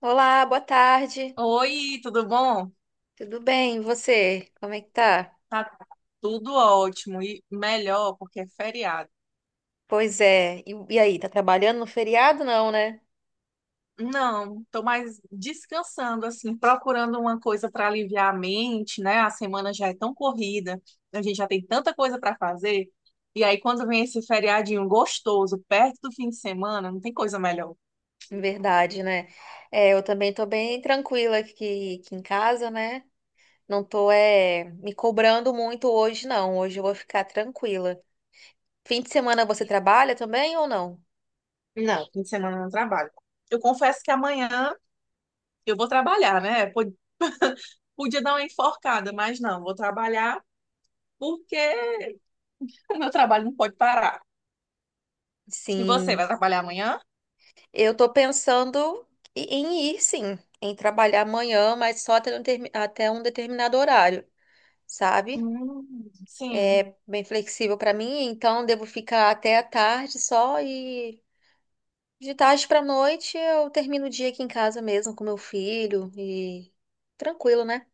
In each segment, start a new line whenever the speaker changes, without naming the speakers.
Olá, boa tarde.
Oi, tudo bom?
Tudo bem? E você? Como é que tá?
Tá tudo ótimo e melhor porque é feriado.
Pois é. E aí, tá trabalhando no feriado? Não, né?
Não, tô mais descansando assim, procurando uma coisa para aliviar a mente, né? A semana já é tão corrida, a gente já tem tanta coisa para fazer. E aí quando vem esse feriadinho gostoso perto do fim de semana, não tem coisa melhor.
Em verdade, né? Eu também tô bem tranquila aqui em casa, né? Não tô me cobrando muito hoje, não. Hoje eu vou ficar tranquila. Fim de semana você trabalha também ou não?
Não, fim de semana eu não trabalho. Eu confesso que amanhã eu vou trabalhar, né? Podia dar uma enforcada, mas não, vou trabalhar porque o meu trabalho não pode parar. E você
Sim.
vai trabalhar amanhã?
Eu tô pensando em ir, sim, em trabalhar amanhã, mas só até até um determinado horário, sabe?
Sim.
Bem flexível para mim, então devo ficar até a tarde só e de tarde para noite eu termino o dia aqui em casa mesmo com meu filho e tranquilo, né?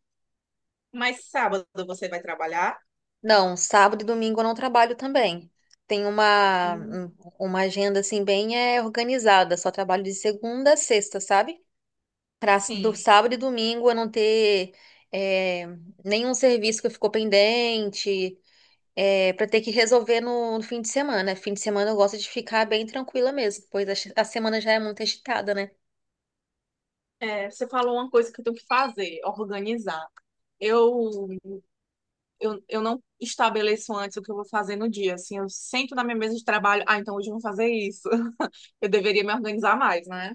Mas sábado você vai trabalhar?
Não, sábado e domingo eu não trabalho também. Tem uma
Hum,
um- uma agenda assim bem organizada, só trabalho de segunda a sexta, sabe? Para do
sim.
sábado e domingo eu não ter é, nenhum serviço que ficou pendente, é, para ter que resolver no fim de semana. Fim de semana eu gosto de ficar bem tranquila mesmo, pois a semana já é muito agitada, né?
É, você falou uma coisa que eu tenho que fazer, organizar. Eu, eu não estabeleço antes o que eu vou fazer no dia. Assim, eu sento na minha mesa de trabalho. Ah, então hoje eu vou fazer isso. Eu deveria me organizar mais, né?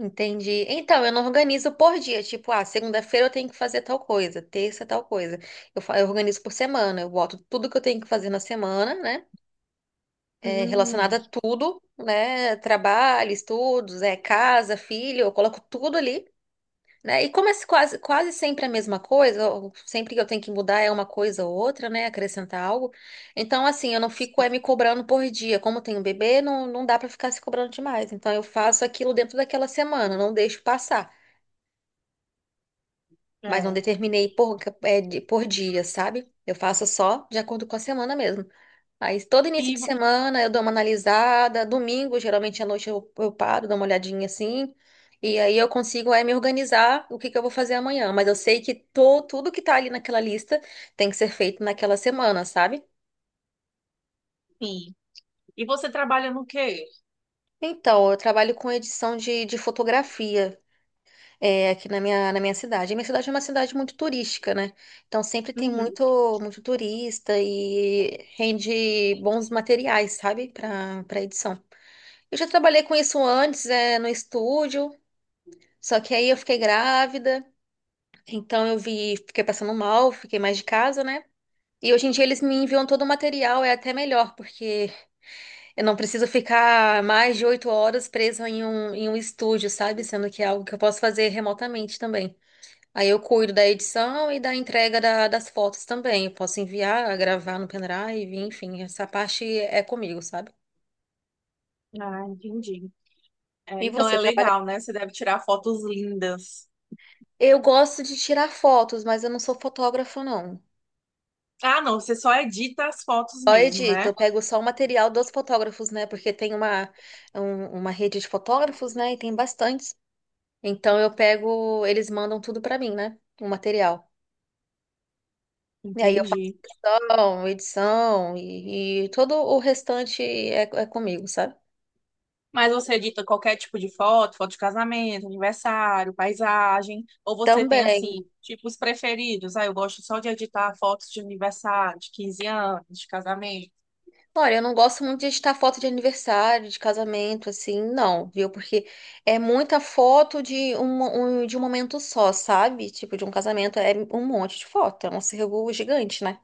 Entendi. Então, eu não organizo por dia. Tipo, ah, segunda-feira eu tenho que fazer tal coisa, terça tal coisa. Eu organizo por semana. Eu boto tudo que eu tenho que fazer na semana, né? Relacionado
Hum,
a tudo, né? Trabalho, estudos, casa, filho. Eu coloco tudo ali. Né? E como é quase, quase sempre a mesma coisa, ou sempre que eu tenho que mudar é uma coisa ou outra, né? Acrescentar algo. Então, assim, eu não fico me cobrando por dia. Como eu tenho um bebê, não dá pra ficar se cobrando demais. Então, eu faço aquilo dentro daquela semana, não deixo passar. Mas não
é.
determinei por dia, sabe? Eu faço só de acordo com a semana mesmo. Aí todo início
E,
de
vo-
semana eu dou uma analisada, domingo geralmente à noite eu paro, dou uma olhadinha assim, e aí eu consigo, me organizar o que que eu vou fazer amanhã, mas eu sei que tudo que tá ali naquela lista tem que ser feito naquela semana, sabe?
sim. E você trabalha no quê?
Então, eu trabalho com edição de fotografia, aqui na minha cidade. A minha cidade é uma cidade muito turística, né? Então sempre tem
Uhum.
muito, muito turista e rende bons materiais, sabe? Para edição. Eu já trabalhei com isso antes, no estúdio, só que aí eu fiquei grávida, então eu vi, fiquei passando mal, fiquei mais de casa, né? E hoje em dia eles me enviam todo o material, é até melhor, porque eu não preciso ficar mais de 8 horas presa em um estúdio, sabe? Sendo que é algo que eu posso fazer remotamente também. Aí eu cuido da edição e da entrega das fotos também. Eu posso enviar, gravar no pendrive, enfim, essa parte é comigo, sabe?
Ah, entendi. É,
E
então
você,
é
trabalha?
legal, né? Você deve tirar fotos lindas.
Eu gosto de tirar fotos, mas eu não sou fotógrafa, não.
Ah, não, você só edita as fotos
Só
mesmo,
edito,
né?
eu pego só o material dos fotógrafos, né? Porque tem uma rede de fotógrafos, né? E tem bastantes. Então eu pego, eles mandam tudo pra mim, né? O material. E aí eu faço
Entendi.
questão, edição e todo o restante é comigo, sabe?
Mas você edita qualquer tipo de foto, foto de casamento, aniversário, paisagem, ou você tem
Também.
assim, tipos preferidos? Ah, eu gosto só de editar fotos de aniversário, de 15 anos, de casamento.
Olha, eu não gosto muito de editar foto de aniversário, de casamento, assim, não, viu? Porque é muita foto de um momento só, sabe? Tipo, de um casamento é um monte de foto, é um acervo gigante, né?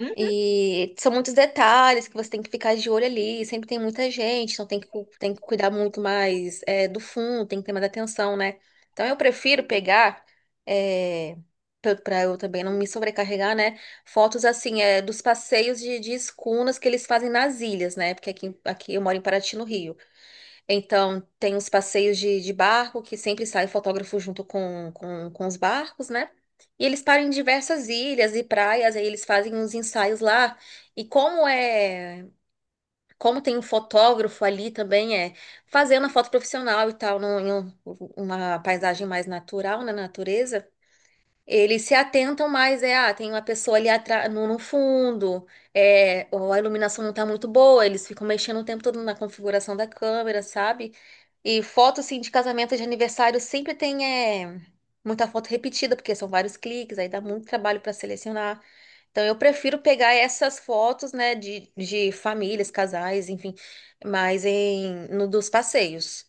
Uhum.
E são muitos detalhes que você tem que ficar de olho ali. Sempre tem muita gente, então tem que cuidar muito mais, do fundo, tem que ter mais atenção, né? Então eu prefiro pegar, é, para eu também não me sobrecarregar, né? Fotos assim, dos passeios de escunas que eles fazem nas ilhas, né? Porque aqui eu moro em Paraty, no Rio. Então, tem os passeios de barco, que sempre sai fotógrafo junto com os barcos, né? E eles param em diversas ilhas e praias, aí eles fazem uns ensaios lá. E como tem um fotógrafo ali também, fazendo a foto profissional e tal, uma paisagem mais natural, na natureza. Eles se atentam mais, ah, tem uma pessoa ali atrás, no fundo, ou a iluminação não tá muito boa, eles ficam mexendo o tempo todo na configuração da câmera, sabe? E foto, assim, de casamento, de aniversário, sempre tem, é, muita foto repetida, porque são vários cliques, aí dá muito trabalho para selecionar. Então, eu prefiro pegar essas fotos, né, de famílias, casais, enfim, mas no dos passeios.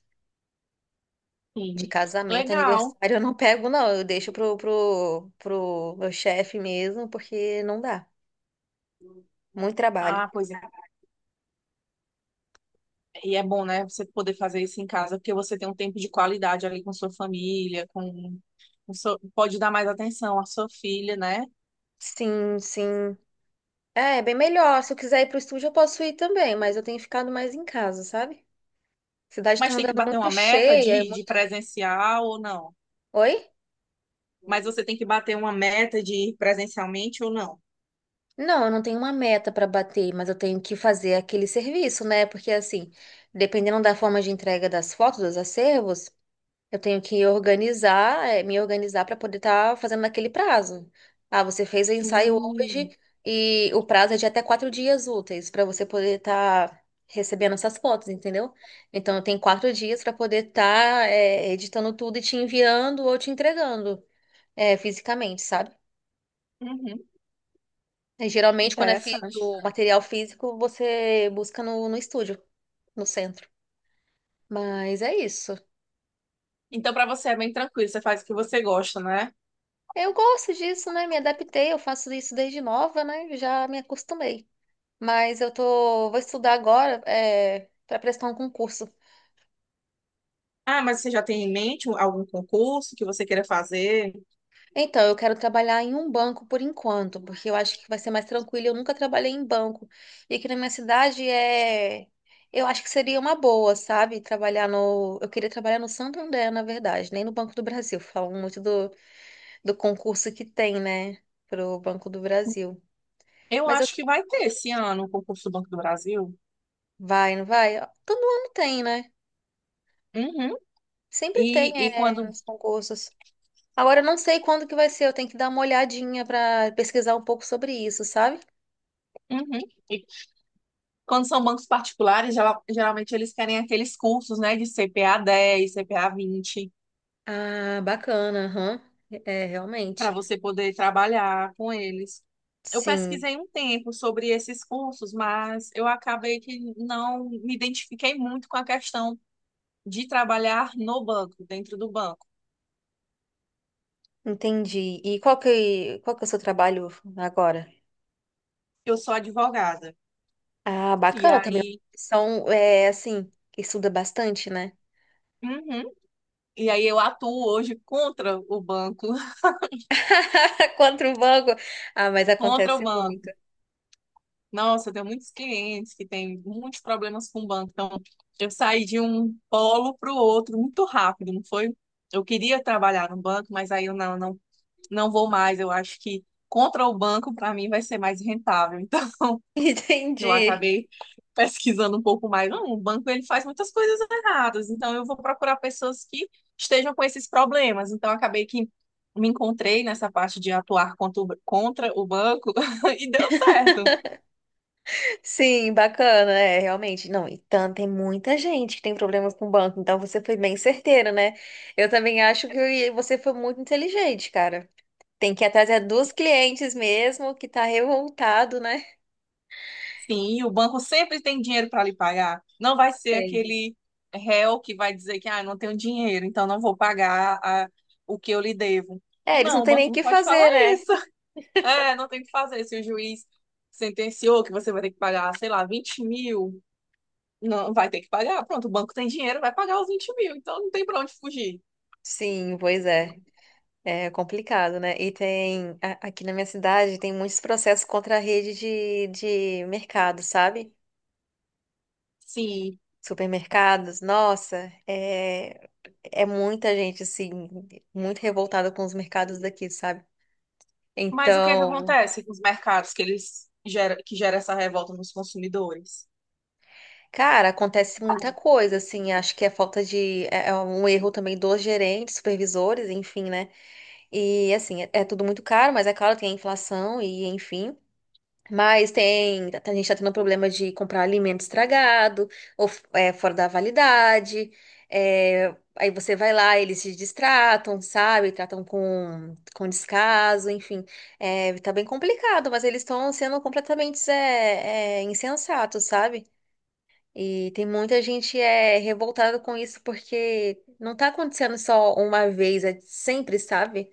De
Sim.
casamento,
Legal.
aniversário, eu não pego, não. Eu deixo pro meu chefe mesmo, porque não dá. Muito trabalho.
Ah, pois é. E é bom, né, você poder fazer isso em casa, porque você tem um tempo de qualidade ali com sua família, com, pode dar mais atenção à sua filha, né?
Sim, sim. É bem melhor. Se eu quiser ir pro estúdio, eu posso ir também, mas eu tenho ficado mais em casa, sabe? A cidade tá
Mas tem que
andando
bater uma
muito
meta
cheia. É mu-
de presencial ou não?
Oi?
Mas você tem que bater uma meta de ir presencialmente ou não?
Não, eu não tenho uma meta pra bater, mas eu tenho que fazer aquele serviço, né? Porque assim, dependendo da forma de entrega das fotos, dos acervos. Eu tenho que me organizar para poder estar fazendo naquele prazo. Ah, você fez o ensaio
Hum,
hoje e o prazo é de até 4 dias úteis para você poder estar recebendo essas fotos, entendeu? Então, eu tenho 4 dias para poder estar editando tudo e te enviando ou te entregando, fisicamente, sabe?
uhum,
Geralmente, quando
interessante.
o material físico, você busca no estúdio, no centro. Mas é isso.
Então, para você é bem tranquilo, você faz o que você gosta, né?
Eu gosto disso, né? Me adaptei, eu faço isso desde nova, né? Já me acostumei. Mas vou estudar agora, para prestar um concurso.
Ah, mas você já tem em mente algum concurso que você queira fazer?
Então, eu quero trabalhar em um banco por enquanto, porque eu acho que vai ser mais tranquilo. Eu nunca trabalhei em banco. E aqui na minha cidade, eu acho que seria uma boa, sabe? Trabalhar no, eu queria trabalhar no Santander, na verdade, nem no Banco do Brasil. Falam muito do concurso que tem, né? Pro Banco do Brasil.
Eu
Mas eu,
acho que vai ter esse ano o concurso do Banco do Brasil.
vai, não vai? Todo ano tem, né?
Uhum.
Sempre tem,
E, e quando,
os concursos. Agora eu não sei quando que vai ser, eu tenho que dar uma olhadinha pra pesquisar um pouco sobre isso, sabe?
uhum. E quando são bancos particulares, geralmente eles querem aqueles cursos, né, de CPA 10, CPA 20.
Ah, bacana, aham. É,
Para
realmente.
você poder trabalhar com eles. Eu
Sim,
pesquisei um tempo sobre esses cursos, mas eu acabei que não me identifiquei muito com a questão de trabalhar no banco, dentro do banco.
entendi. E qual que é o seu trabalho agora?
Eu sou advogada.
Ah,
E
bacana também.
aí.
São, assim, estuda bastante, né?
Uhum. E aí eu atuo hoje contra o banco,
Contra o banco. Ah, mas
contra o
acontece muito.
banco. Nossa, eu tenho muitos clientes que têm muitos problemas com o banco. Então, eu saí de um polo para o outro muito rápido, não foi? Eu queria trabalhar no banco, mas aí eu não vou mais, eu acho que contra o banco para mim vai ser mais rentável. Então eu
Entendi.
acabei pesquisando um pouco mais. Não, o banco ele faz muitas coisas erradas, então eu vou procurar pessoas que estejam com esses problemas. Então acabei que me encontrei nessa parte de atuar contra o banco e deu certo.
Sim, bacana, realmente. Não, e tanto, tem muita gente que tem problemas com o banco, então você foi bem certeira, né? Eu também acho que você foi muito inteligente, cara. Tem que ir atrás é dos clientes mesmo, que tá revoltado, né?
Sim, o banco sempre tem dinheiro para lhe pagar. Não vai ser
Tem.
aquele réu que vai dizer que ah, eu não tenho dinheiro, então não vou pagar o que eu lhe devo.
É, eles não
Não, o
têm nem
banco
o
não
que
pode falar
fazer, né?
isso. É, não tem o que fazer. Se o juiz sentenciou que você vai ter que pagar, sei lá, 20 mil, não vai ter que pagar. Pronto, o banco tem dinheiro, vai pagar os 20 mil, então não tem pra onde fugir.
Sim, pois é. É complicado, né? E tem, aqui na minha cidade, tem muitos processos contra a rede de mercado, sabe?
Sim.
Supermercados, nossa, é muita gente, assim, muito revoltada com os mercados daqui, sabe?
Mas o que é que
Então,
acontece com os mercados que que gera essa revolta nos consumidores?
cara, acontece muita coisa, assim, acho que é falta de, é um erro também dos gerentes, supervisores, enfim, né? E, assim, é tudo muito caro, mas é claro, tem a inflação e, enfim. Mas tem, a gente tá tendo problema de comprar alimento estragado ou, fora da validade. É, aí você vai lá, eles se distratam, sabe? Tratam com descaso, enfim. É, tá bem complicado, mas eles estão sendo completamente, insensatos, sabe? E tem muita gente revoltada com isso porque não tá acontecendo só uma vez, é sempre, sabe?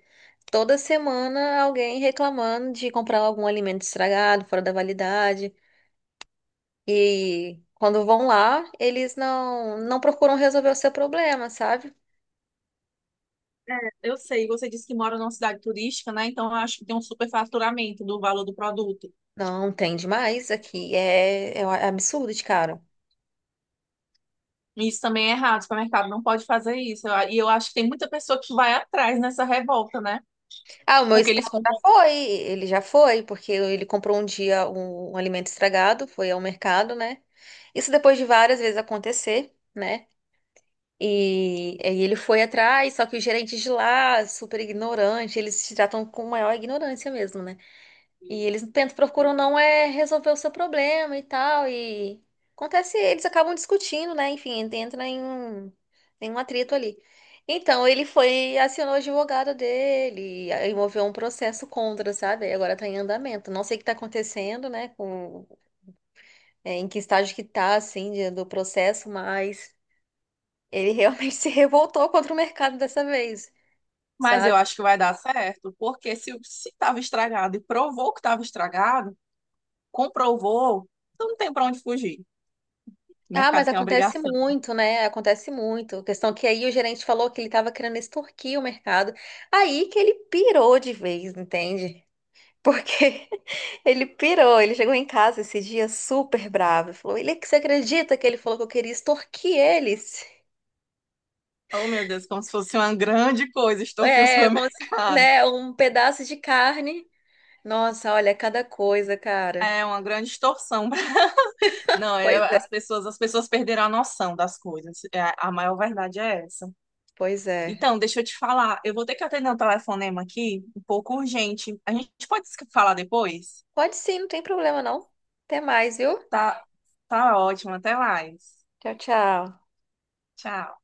Toda semana alguém reclamando de comprar algum alimento estragado, fora da validade. E quando vão lá, eles não procuram resolver o seu problema, sabe?
Eu sei, você disse que mora numa cidade turística, né? Então eu acho que tem um superfaturamento do valor do produto.
Não tem demais aqui, é um absurdo de caro.
E isso também é errado, o supermercado não pode fazer isso. E eu acho que tem muita pessoa que vai atrás nessa revolta, né?
Ah, o meu
Porque eles
esposo já
compram
foi, ele já foi, porque ele comprou um dia um alimento estragado, foi ao mercado, né? Isso depois de várias vezes acontecer, né? E aí ele foi atrás, só que os gerentes de lá, super ignorante, eles se tratam com maior ignorância mesmo, né? E eles tentam, procuram não resolver o seu problema e tal. E acontece, eles acabam discutindo, né? Enfim, entra em um atrito ali. Então, ele foi, acionou o advogado dele, aí moveu um processo contra, sabe? Aí agora tá em andamento. Não sei o que tá acontecendo, né? Em que estágio que tá, assim, do processo, mas ele realmente se revoltou contra o mercado dessa vez.
Mas eu acho que vai dar certo, porque se estava estragado e provou que estava estragado, comprovou, então não tem para onde fugir. O
Ah, mas
mercado tem
acontece
obrigação.
muito, né? Acontece muito. A questão que aí o gerente falou que ele estava querendo extorquir o mercado. Aí que ele pirou de vez, entende? Porque ele pirou, ele chegou em casa esse dia super bravo. E falou, ele, que você acredita que ele falou que eu queria extorquir eles?
Oh, meu Deus, como se fosse uma grande coisa, estou aqui no
É, como se,
supermercado.
né, um pedaço de carne. Nossa, olha, cada coisa, cara.
É uma grande extorsão. Não,
Pois é,
as pessoas perderam a noção das coisas. É, a maior verdade é essa.
pois é.
Então, deixa eu te falar, eu vou ter que atender um telefonema aqui, um pouco urgente. A gente pode se falar depois?
Pode sim, não tem problema não. Até mais, viu?
Tá, tá ótimo, até mais.
Tchau, tchau.
Tchau.